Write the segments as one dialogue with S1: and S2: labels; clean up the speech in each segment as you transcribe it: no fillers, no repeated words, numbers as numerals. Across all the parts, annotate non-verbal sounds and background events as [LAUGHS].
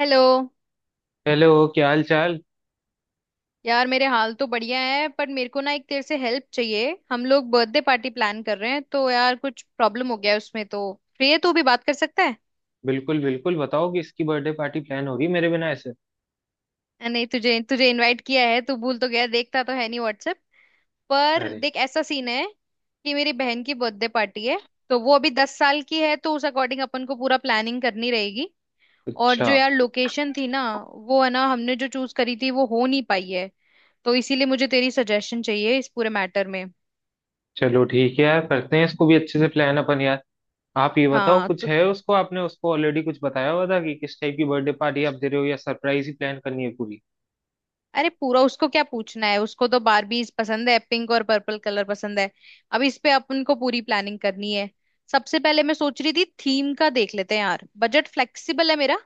S1: Hello.
S2: Hello, क्या हाल चाल।
S1: यार मेरे हाल तो बढ़िया है, पर मेरे को ना एक तेरे से हेल्प चाहिए। हम लोग बर्थडे पार्टी प्लान कर रहे हैं तो यार कुछ प्रॉब्लम हो गया है उसमें। तो फ्री है तू? भी बात कर सकता है?
S2: बिल्कुल बिल्कुल बताओ कि इसकी बर्थडे पार्टी प्लान होगी मेरे बिना ऐसे।
S1: नहीं, तुझे तुझे इनवाइट किया है, तू भूल तो गया, देखता तो है नहीं व्हाट्सएप पर।
S2: अरे,
S1: देख, ऐसा सीन है कि मेरी बहन की बर्थडे पार्टी है। तो वो अभी 10 साल की है, तो उस अकॉर्डिंग अपन को पूरा प्लानिंग करनी रहेगी। और
S2: अच्छा,
S1: जो यार लोकेशन थी ना, वो है ना, हमने जो चूज करी थी, वो हो नहीं पाई है। तो इसीलिए मुझे तेरी सजेशन चाहिए इस पूरे मैटर में।
S2: चलो ठीक है यार, करते हैं इसको भी अच्छे से प्लान अपन यार। आप ये बताओ,
S1: हाँ
S2: कुछ
S1: तो
S2: है उसको, आपने उसको ऑलरेडी कुछ बताया हुआ था कि किस टाइप की बर्थडे पार्टी आप दे रहे हो या सरप्राइज ही प्लान करनी है पूरी।
S1: अरे पूरा उसको क्या पूछना है, उसको तो बारबीज पसंद है, पिंक और पर्पल कलर पसंद है। अब इस पे अपन को पूरी प्लानिंग करनी है। सबसे पहले मैं सोच रही थी थीम का देख लेते हैं। यार बजट फ्लेक्सिबल है मेरा,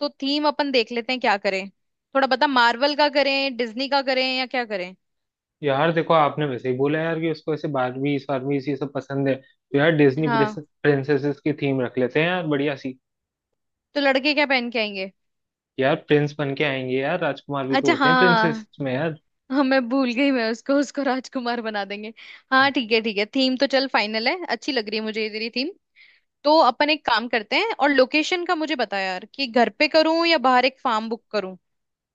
S1: तो थीम अपन देख लेते हैं। क्या करें थोड़ा बता, मार्वल का करें, डिज्नी का करें, या क्या करें?
S2: यार देखो, आपने वैसे ही बोला यार कि उसको ऐसे बारबीज फारबीज ये सब पसंद है, तो यार डिज्नी
S1: हाँ
S2: प्रिंसेसेस की थीम रख लेते हैं यार बढ़िया सी।
S1: तो लड़के क्या पहन के आएंगे?
S2: यार प्रिंस बन के आएंगे यार, राजकुमार भी तो
S1: अच्छा,
S2: होते हैं प्रिंसेस
S1: हाँ।
S2: में यार।
S1: हाँ, मैं भूल गई। मैं उसको उसको राजकुमार बना देंगे। हाँ ठीक है, ठीक है, थीम तो चल फाइनल है। अच्छी लग रही है मुझे ये तेरी थीम। तो अपन एक काम करते हैं, और लोकेशन का मुझे बता यार, कि घर पे करूं या बाहर एक फार्म बुक करूं।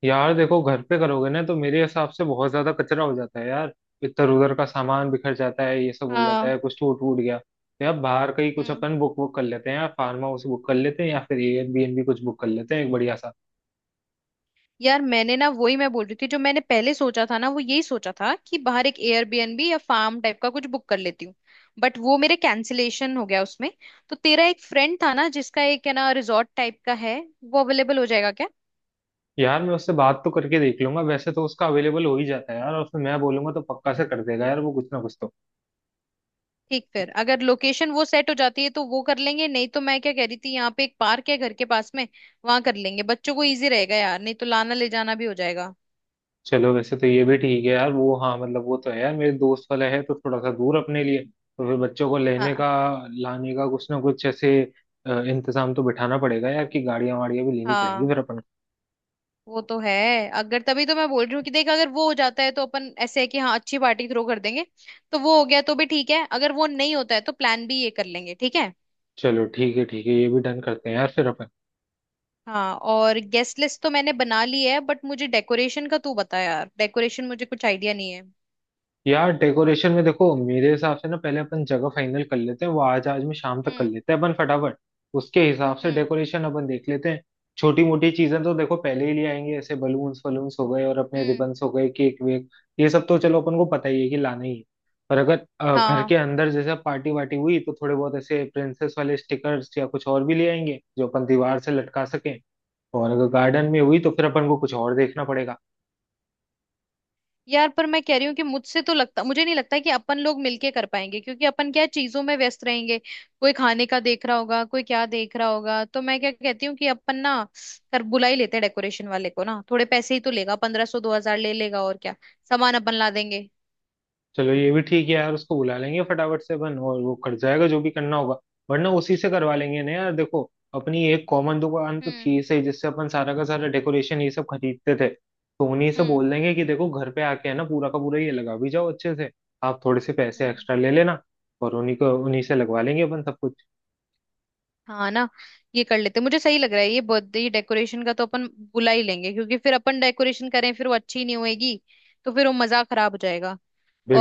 S2: यार देखो, घर पे करोगे ना तो मेरे हिसाब से बहुत ज्यादा कचरा हो जाता है यार। इधर उधर का सामान बिखर जाता है, ये सब हो जाता
S1: हाँ।
S2: है, कुछ टूट वूट गया तो। यार बाहर कहीं कुछ
S1: हम्म।
S2: अपन बुक वुक कर लेते हैं यार, फार्म हाउस बुक कर लेते हैं या फिर एयरबीएनबी कुछ बुक कर लेते हैं एक बढ़िया सा।
S1: यार मैंने ना, वही मैं बोल रही थी, जो मैंने पहले सोचा था ना, वो यही सोचा था कि बाहर एक एयरबीएनबी या फार्म टाइप का कुछ बुक कर लेती हूँ। बट वो मेरे कैंसिलेशन हो गया उसमें। तो तेरा एक फ्रेंड था ना, जिसका एक है ना रिजॉर्ट टाइप का है, वो अवेलेबल हो जाएगा क्या?
S2: यार मैं उससे बात तो करके देख लूंगा, वैसे तो उसका अवेलेबल हो ही जाता है यार, और फिर मैं बोलूंगा तो पक्का से कर देगा यार, वो कुछ ना कुछ तो।
S1: ठीक, फिर अगर लोकेशन वो सेट हो जाती है तो वो कर लेंगे। नहीं तो मैं क्या कह रही थी, यहाँ पे एक पार्क है घर के पास में, वहां कर लेंगे। बच्चों को इजी रहेगा यार, नहीं तो लाना ले जाना भी हो जाएगा।
S2: चलो वैसे तो ये भी ठीक है यार, वो हाँ मतलब वो तो है यार मेरे दोस्त वाला है तो थोड़ा सा दूर अपने लिए, तो फिर बच्चों को लेने
S1: हाँ।
S2: का लाने का कुछ ना कुछ ऐसे इंतजाम तो बिठाना पड़ेगा यार, कि गाड़ियां वाड़ियां भी लेनी पड़ेंगी
S1: हाँ,
S2: फिर अपन को।
S1: वो तो है। अगर, तभी तो मैं बोल रही हूँ कि देख अगर वो हो जाता है तो अपन ऐसे है कि हाँ अच्छी पार्टी थ्रो कर देंगे। तो वो हो गया तो भी ठीक है, अगर वो नहीं होता है तो प्लान भी ये कर लेंगे, ठीक है।
S2: चलो ठीक है ठीक है, ये भी डन करते हैं यार फिर अपन।
S1: हाँ, और गेस्ट लिस्ट तो मैंने बना ली है, बट मुझे डेकोरेशन का तू बता यार, डेकोरेशन मुझे कुछ आइडिया नहीं है।
S2: यार डेकोरेशन में देखो, मेरे हिसाब से ना पहले अपन जगह फाइनल कर लेते हैं, वो आज आज में शाम तक कर
S1: हम्म।
S2: लेते हैं अपन फटाफट। उसके हिसाब से
S1: हम्म।
S2: डेकोरेशन अपन देख लेते हैं। छोटी मोटी चीजें तो देखो पहले ही ले आएंगे, ऐसे बलून्स वलून्स हो गए और अपने
S1: हम्म।
S2: रिबन्स हो गए, केक वेक, ये सब तो चलो अपन को पता ही है कि लाना ही है। पर अगर घर के
S1: हाँ।
S2: अंदर जैसे पार्टी वार्टी हुई तो थोड़े बहुत ऐसे प्रिंसेस वाले स्टिकर्स या कुछ और भी ले आएंगे जो अपन दीवार से लटका सकें। और अगर गार्डन में हुई तो फिर अपन को कुछ और देखना पड़ेगा।
S1: यार पर मैं कह रही हूँ कि मुझसे तो लगता, मुझे नहीं लगता कि अपन लोग मिलके कर पाएंगे, क्योंकि अपन क्या है, चीजों में व्यस्त रहेंगे। कोई खाने का देख रहा होगा, कोई क्या देख रहा होगा। तो मैं क्या कहती हूँ कि अपन ना कर, बुला ही लेते हैं डेकोरेशन वाले को ना, थोड़े पैसे ही तो लेगा, 1,500 2,000 ले लेगा, और क्या। सामान अपन ला देंगे।
S2: चलो ये भी ठीक है यार, उसको बुला लेंगे फटाफट से अपन और वो कर जाएगा जो भी करना होगा। वरना उसी से करवा लेंगे ना यार, देखो अपनी एक कॉमन दुकान तो
S1: हम्म।
S2: थी सही जिससे अपन सारा का सारा डेकोरेशन ये सब खरीदते थे, तो उन्हीं से
S1: हम्म।
S2: बोल देंगे कि देखो घर पे आके है ना पूरा का पूरा ये लगा भी जाओ अच्छे से। आप थोड़े से पैसे
S1: हम्म।
S2: एक्स्ट्रा ले लेना, और उन्हीं को उन्हीं से लगवा लेंगे अपन सब कुछ।
S1: हाँ ना। ये कर लेते, मुझे सही लग रहा है ये बर्थडे डेकोरेशन का, तो अपन बुला ही लेंगे। क्योंकि फिर अपन डेकोरेशन करें फिर वो अच्छी नहीं होएगी, तो फिर वो मजा खराब हो जाएगा।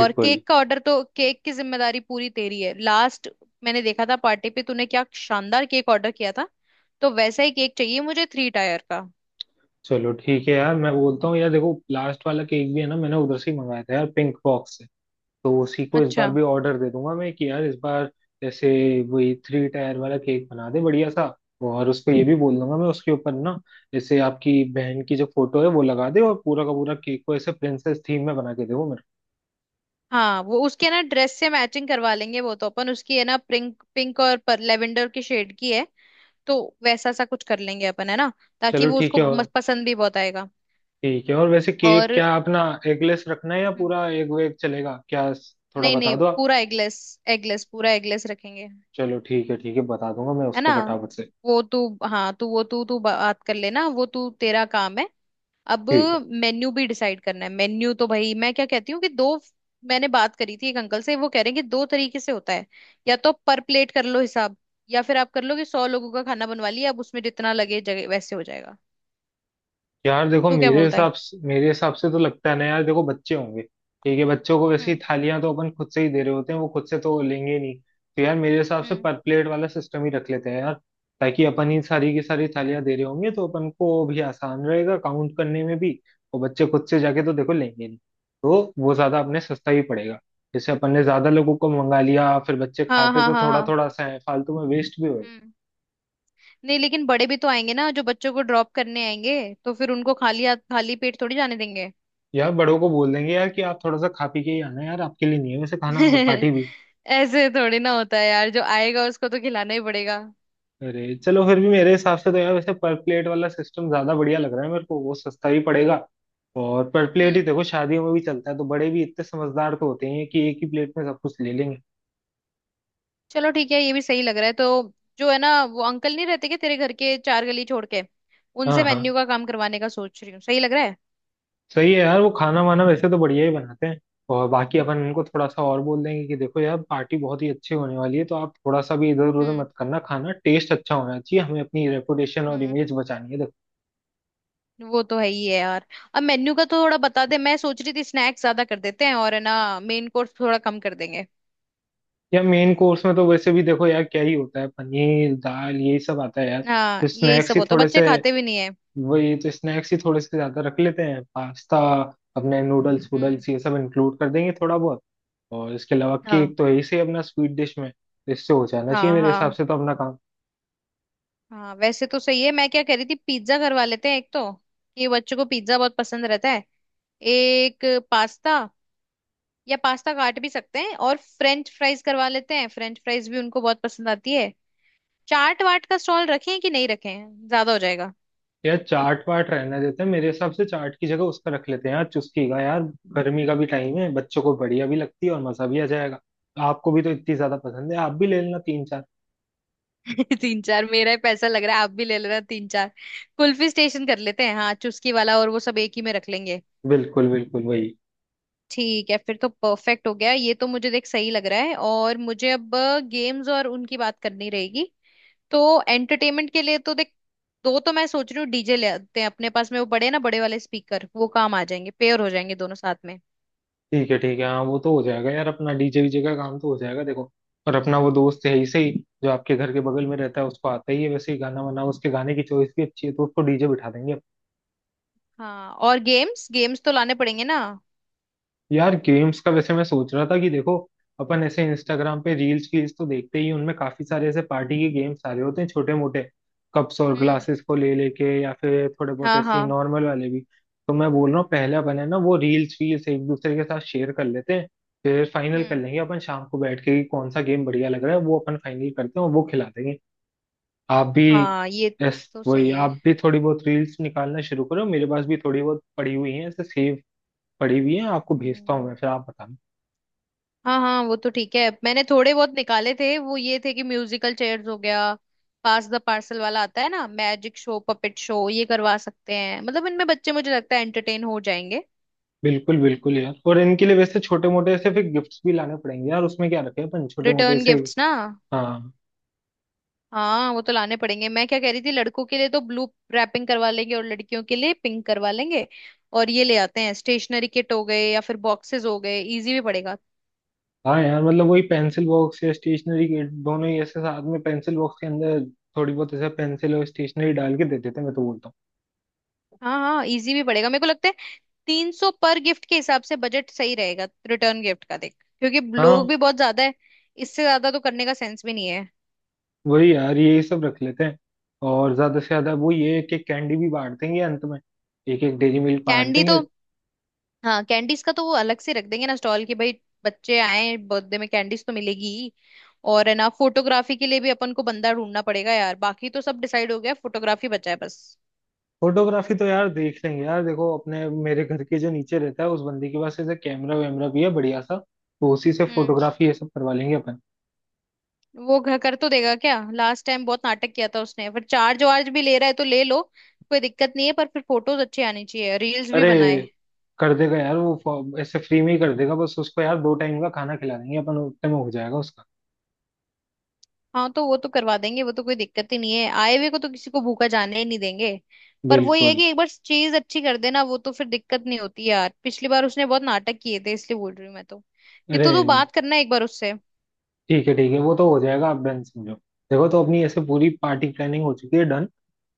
S1: और केक का ऑर्डर, तो केक की जिम्मेदारी पूरी तेरी है। लास्ट मैंने देखा था पार्टी पे, तूने क्या शानदार केक ऑर्डर किया था। तो वैसा ही केक चाहिए मुझे, 3 टायर का।
S2: चलो ठीक है यार, मैं बोलता हूँ यार, देखो लास्ट वाला केक भी है ना मैंने उधर से ही मंगाया था यार, पिंक बॉक्स से, तो उसी को इस बार
S1: अच्छा,
S2: भी ऑर्डर दे दूंगा मैं कि यार इस बार जैसे वही थ्री टायर वाला केक बना दे बढ़िया सा। और उसको ये भी बोल दूंगा मैं उसके ऊपर ना जैसे आपकी बहन की जो फोटो है वो लगा दे, और पूरा का पूरा केक को ऐसे प्रिंसेस थीम में बना के दे वो मेरे को।
S1: हाँ, वो उसके ना ड्रेस से मैचिंग करवा लेंगे। वो तो अपन, उसकी है ना पिंक पिंक और पर लेवेंडर की शेड की है, तो वैसा सा कुछ कर लेंगे अपन, है ना। ताकि
S2: चलो
S1: वो
S2: ठीक
S1: उसको
S2: है, और
S1: पसंद भी बहुत आएगा।
S2: ठीक है, और वैसे केक
S1: और
S2: क्या अपना एगलेस रखना है या
S1: हम्म,
S2: पूरा एग वेग चलेगा क्या? थोड़ा
S1: नहीं
S2: बता
S1: नहीं,
S2: दो आप।
S1: पूरा एगलेस। एगलेस, पूरा एगलेस रखेंगे।
S2: चलो ठीक है ठीक है, बता दूंगा मैं
S1: है ना।
S2: उसको फटाफट से।
S1: वो तू, हाँ तू, वो तू तू बात कर लेना, वो तू, तेरा काम है अब।
S2: ठीक है।
S1: मेन्यू भी डिसाइड करना है। मेन्यू तो भाई मैं क्या कहती हूँ कि दो, मैंने बात करी थी एक अंकल से, वो कह रहे हैं कि दो तरीके से होता है। या तो पर प्लेट कर लो हिसाब, या फिर आप कर लो कि 100 लोगों का खाना बनवा लिया, अब उसमें जितना लगे जगह वैसे हो जाएगा।
S2: यार देखो,
S1: तो क्या
S2: मेरे
S1: बोलता है?
S2: हिसाब से मेरे हिसाब से तो लगता है ना यार, देखो बच्चे होंगे, ठीक है बच्चों को वैसे ही
S1: हम्म।
S2: थालियां तो अपन खुद से ही दे रहे होते हैं, वो खुद से तो लेंगे नहीं, तो यार मेरे हिसाब से
S1: हम्म।
S2: पर प्लेट वाला सिस्टम ही रख लेते हैं यार, ताकि अपन ही सारी की सारी थालियां दे रहे होंगे तो अपन को भी आसान रहेगा काउंट करने में भी। और बच्चे खुद से जाके तो देखो लेंगे नहीं, तो वो ज्यादा अपने सस्ता ही पड़ेगा। जैसे अपन ने ज्यादा लोगों को मंगा लिया फिर बच्चे
S1: हाँ
S2: खाते
S1: हाँ
S2: तो
S1: हाँ
S2: थोड़ा
S1: हाँ।
S2: थोड़ा सा है, फालतू में वेस्ट भी होगा।
S1: हम्म। नहीं, लेकिन बड़े भी तो आएंगे ना जो बच्चों को ड्रॉप करने आएंगे, तो फिर उनको खाली हाथ खाली पेट थोड़ी जाने देंगे।
S2: यार बड़ों को बोल देंगे यार कि आप थोड़ा सा खा पी के ही आना यार, आपके लिए नहीं है वैसे खाना और पार्टी
S1: [LAUGHS]
S2: भी।
S1: ऐसे थोड़ी ना होता है यार, जो आएगा उसको तो खिलाना ही पड़ेगा।
S2: अरे चलो फिर भी मेरे हिसाब से तो यार वैसे पर प्लेट वाला सिस्टम ज्यादा बढ़िया लग रहा है मेरे को, वो सस्ता भी पड़ेगा। और पर प्लेट ही
S1: हम्म।
S2: देखो शादियों में भी चलता है तो बड़े भी इतने समझदार तो होते हैं कि एक ही प्लेट में सब कुछ ले लेंगे।
S1: चलो ठीक है, ये भी सही लग रहा है। तो जो है ना वो अंकल नहीं रहते क्या तेरे घर के चार गली छोड़ के, उनसे
S2: हाँ हाँ।
S1: मेन्यू का काम करवाने का सोच रही हूँ, सही लग रहा है।
S2: सही है यार, वो खाना वाना वैसे तो बढ़िया ही बनाते हैं। और बाकी अपन उनको थोड़ा सा और बोल देंगे कि देखो यार पार्टी बहुत ही अच्छी होने वाली है, तो आप थोड़ा सा भी इधर उधर
S1: हम्म।
S2: मत करना, खाना टेस्ट अच्छा होना चाहिए, हमें अपनी रेपुटेशन और
S1: हम्म।
S2: इमेज बचानी है।
S1: वो तो है ही है यार। अब मेन्यू का तो थोड़ा बता दे, मैं सोच रही थी स्नैक्स ज्यादा कर देते हैं, और है ना मेन कोर्स थोड़ा कम कर देंगे।
S2: या मेन कोर्स में तो वैसे भी देखो यार क्या ही होता है, पनीर दाल यही सब आता है यार।
S1: हाँ
S2: तो
S1: यही
S2: स्नैक्स
S1: सब
S2: ही
S1: होता है,
S2: थोड़े
S1: बच्चे
S2: से,
S1: खाते भी नहीं है।
S2: वही तो स्नैक्स ही थोड़े से ज्यादा रख लेते हैं, पास्ता अपने नूडल्स
S1: हम्म।
S2: वूडल्स ये सब इंक्लूड कर देंगे थोड़ा बहुत। और इसके अलावा
S1: हाँ।
S2: केक तो यही से अपना स्वीट डिश में तो इससे हो जाना चाहिए
S1: हाँ
S2: मेरे हिसाब
S1: हाँ
S2: से तो अपना काम।
S1: हाँ। वैसे तो सही है। मैं क्या कह रही थी, पिज्जा करवा लेते हैं एक तो, ये बच्चों को पिज्जा बहुत पसंद रहता है। एक पास्ता, या पास्ता काट भी सकते हैं, और फ्रेंच फ्राइज करवा लेते हैं, फ्रेंच फ्राइज भी उनको बहुत पसंद आती है। चाट वाट का स्टॉल रखें कि नहीं रखें, ज्यादा हो जाएगा?
S2: यार चाट वाट रहने देते हैं, मेरे हिसाब से चाट की जगह उसका रख लेते हैं यार, चुस्की का यार। गर्मी का भी टाइम है, बच्चों को बढ़िया भी लगती है और मजा भी आ जाएगा। आपको भी तो इतनी ज्यादा पसंद है, आप भी ले लेना तीन चार।
S1: [LAUGHS] तीन चार मेरा ही पैसा लग रहा है, आप भी ले लेना तीन चार। कुल्फी स्टेशन कर लेते हैं, हाँ चुस्की वाला, और वो सब एक ही में रख लेंगे।
S2: बिल्कुल बिल्कुल वही।
S1: ठीक है, फिर तो परफेक्ट हो गया ये तो, मुझे देख सही लग रहा है। और मुझे अब गेम्स और उनकी बात करनी रहेगी। तो एंटरटेनमेंट के लिए तो देख, दो तो मैं सोच रही हूँ डीजे ले आते हैं, अपने पास में वो बड़े ना, बड़े वाले स्पीकर, वो काम आ जाएंगे, पेयर हो जाएंगे दोनों साथ में।
S2: ठीक है ठीक है, हाँ वो तो हो जाएगा यार, अपना डीजे वीजे का काम तो हो जाएगा देखो। और अपना वो दोस्त है ही सही, जो आपके घर के बगल में रहता है उसको आता ही है वैसे ही गाना वाना, उसके गाने की चॉइस भी अच्छी है, तो उसको डीजे बिठा देंगे।
S1: हाँ, और गेम्स, गेम्स तो लाने पड़ेंगे ना।
S2: यार गेम्स का वैसे मैं सोच रहा था कि देखो अपन ऐसे इंस्टाग्राम पे रील्स वील्स तो देखते ही हैं, उनमें काफी सारे ऐसे पार्टी के गेम्स आ रहे होते हैं छोटे मोटे, कप्स और
S1: हम्म।
S2: ग्लासेस को ले लेके या फिर थोड़े बहुत
S1: हाँ।
S2: ऐसे
S1: हाँ।
S2: नॉर्मल वाले भी। तो मैं बोल रहा हूँ पहले अपन है ना वो रील्स वील्स एक दूसरे के साथ शेयर कर लेते हैं, फिर फाइनल कर
S1: हम्म।
S2: लेंगे अपन शाम को बैठ के कि कौन सा गेम बढ़िया लग रहा है, वो अपन फाइनल करते हैं और वो खिला देंगे। आप भी।
S1: हाँ, ये
S2: यस।
S1: तो
S2: वही
S1: सही है।
S2: आप भी थोड़ी बहुत रील्स निकालना शुरू करो, मेरे पास भी थोड़ी बहुत पड़ी हुई है ऐसे सेव पड़ी हुई है, आपको भेजता हूँ
S1: हम्म।
S2: मैं फिर आप बताना।
S1: हाँ हाँ, वो तो ठीक है, मैंने थोड़े बहुत निकाले थे। वो ये थे कि म्यूजिकल चेयर्स हो गया, पास द पार्सल वाला आता है ना, मैजिक शो, पपेट शो, ये करवा सकते हैं। मतलब इनमें बच्चे मुझे लगता है एंटरटेन हो जाएंगे।
S2: बिल्कुल बिल्कुल यार, और इनके लिए वैसे छोटे मोटे ऐसे फिर गिफ्ट्स भी लाने पड़ेंगे यार, उसमें क्या रखे अपन छोटे मोटे
S1: रिटर्न
S2: ऐसे।
S1: गिफ्ट्स ना?
S2: हाँ।
S1: हाँ वो तो लाने पड़ेंगे। मैं क्या कह रही थी, लड़कों के लिए तो ब्लू रैपिंग करवा लेंगे और लड़कियों के लिए पिंक करवा लेंगे। और ये ले आते हैं स्टेशनरी किट हो गए या फिर बॉक्सेस हो गए, इजी भी पड़ेगा।
S2: हाँ यार, मतलब वही पेंसिल बॉक्स या स्टेशनरी किट दोनों ही ऐसे साथ में पेंसिल बॉक्स के अंदर थोड़ी बहुत ऐसे पेंसिल और स्टेशनरी डाल के दे देते हैं, मैं तो बोलता हूँ।
S1: हाँ हाँ, इजी भी पड़ेगा मेरे को लगता है। 300 पर गिफ्ट के हिसाब से बजट सही रहेगा रिटर्न गिफ्ट का, देख क्योंकि लोग
S2: हाँ
S1: भी बहुत ज्यादा है, इससे ज्यादा तो करने का सेंस भी नहीं है।
S2: वही यार ये सब रख लेते हैं। और ज्यादा से ज्यादा वो ये एक एक कैंडी भी बांट देंगे अंत में, एक एक डेरी मिल्क बांट
S1: कैंडी
S2: देंगे।
S1: तो, हाँ कैंडीज का तो वो अलग से रख देंगे ना स्टॉल की भाई। बच्चे आए बर्थडे में, कैंडीज तो मिलेगी ही। और है ना फोटोग्राफी के लिए भी अपन को बंदा ढूंढना पड़ेगा यार, बाकी तो सब डिसाइड हो गया, फोटोग्राफी बचा है बस।
S2: फोटोग्राफी तो यार देख लेंगे यार, देखो अपने मेरे घर के जो नीचे रहता है उस बंदी के पास ऐसे कैमरा वैमरा भी है बढ़िया सा, तो उसी से
S1: हम्म।
S2: फोटोग्राफी ये सब करवा लेंगे अपन।
S1: वो घर कर तो देगा क्या? लास्ट टाइम बहुत नाटक किया था उसने, पर चार्ज वार्ज भी ले रहा है तो ले लो, कोई दिक्कत नहीं है, पर फिर फोटोज अच्छे आने चाहिए, रील्स भी
S2: अरे
S1: बनाए।
S2: कर देगा यार वो, ऐसे फ्री में ही कर देगा, बस उसको यार दो टाइम का खाना खिला देंगे अपन, उतने में हो जाएगा उसका।
S1: हाँ तो वो तो करवा देंगे, वो तो कोई दिक्कत ही नहीं है। आए हुए को तो, किसी को भूखा जाने ही नहीं देंगे। पर वही है
S2: बिल्कुल।
S1: कि एक बार चीज अच्छी कर देना वो तो फिर दिक्कत नहीं होती यार, पिछली बार उसने बहुत नाटक किए थे इसलिए बोल रही हूँ मैं तो। ये
S2: अरे
S1: तो तू बात करना एक बार उससे।
S2: ठीक है ठीक है, वो तो हो जाएगा, आप डन समझो। देखो तो अपनी ऐसे पूरी पार्टी प्लानिंग हो चुकी है डन।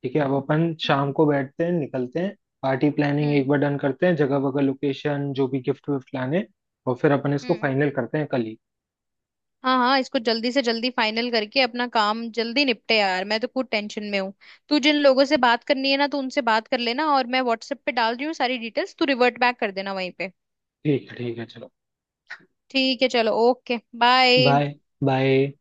S2: ठीक है, अब अपन
S1: हम्म।
S2: शाम को बैठते हैं निकलते हैं, पार्टी प्लानिंग एक
S1: हम्म।
S2: बार डन करते हैं, जगह वगह लोकेशन जो भी, गिफ्ट विफ्ट लाने, और फिर अपन इसको
S1: हम्म।
S2: फाइनल करते हैं कल ही।
S1: हाँ हाँ, इसको जल्दी से जल्दी फाइनल करके अपना काम जल्दी निपटे यार, मैं तो खुद टेंशन में हूँ। तू जिन लोगों से बात करनी है ना, तो उनसे बात कर लेना, और मैं व्हाट्सएप पे डाल रही हूँ सारी डिटेल्स, तू रिवर्ट बैक कर देना वहीं पे।
S2: ठीक है ठीक है, चलो।
S1: ठीक है, चलो, ओके, बाय।
S2: बाय। बाय।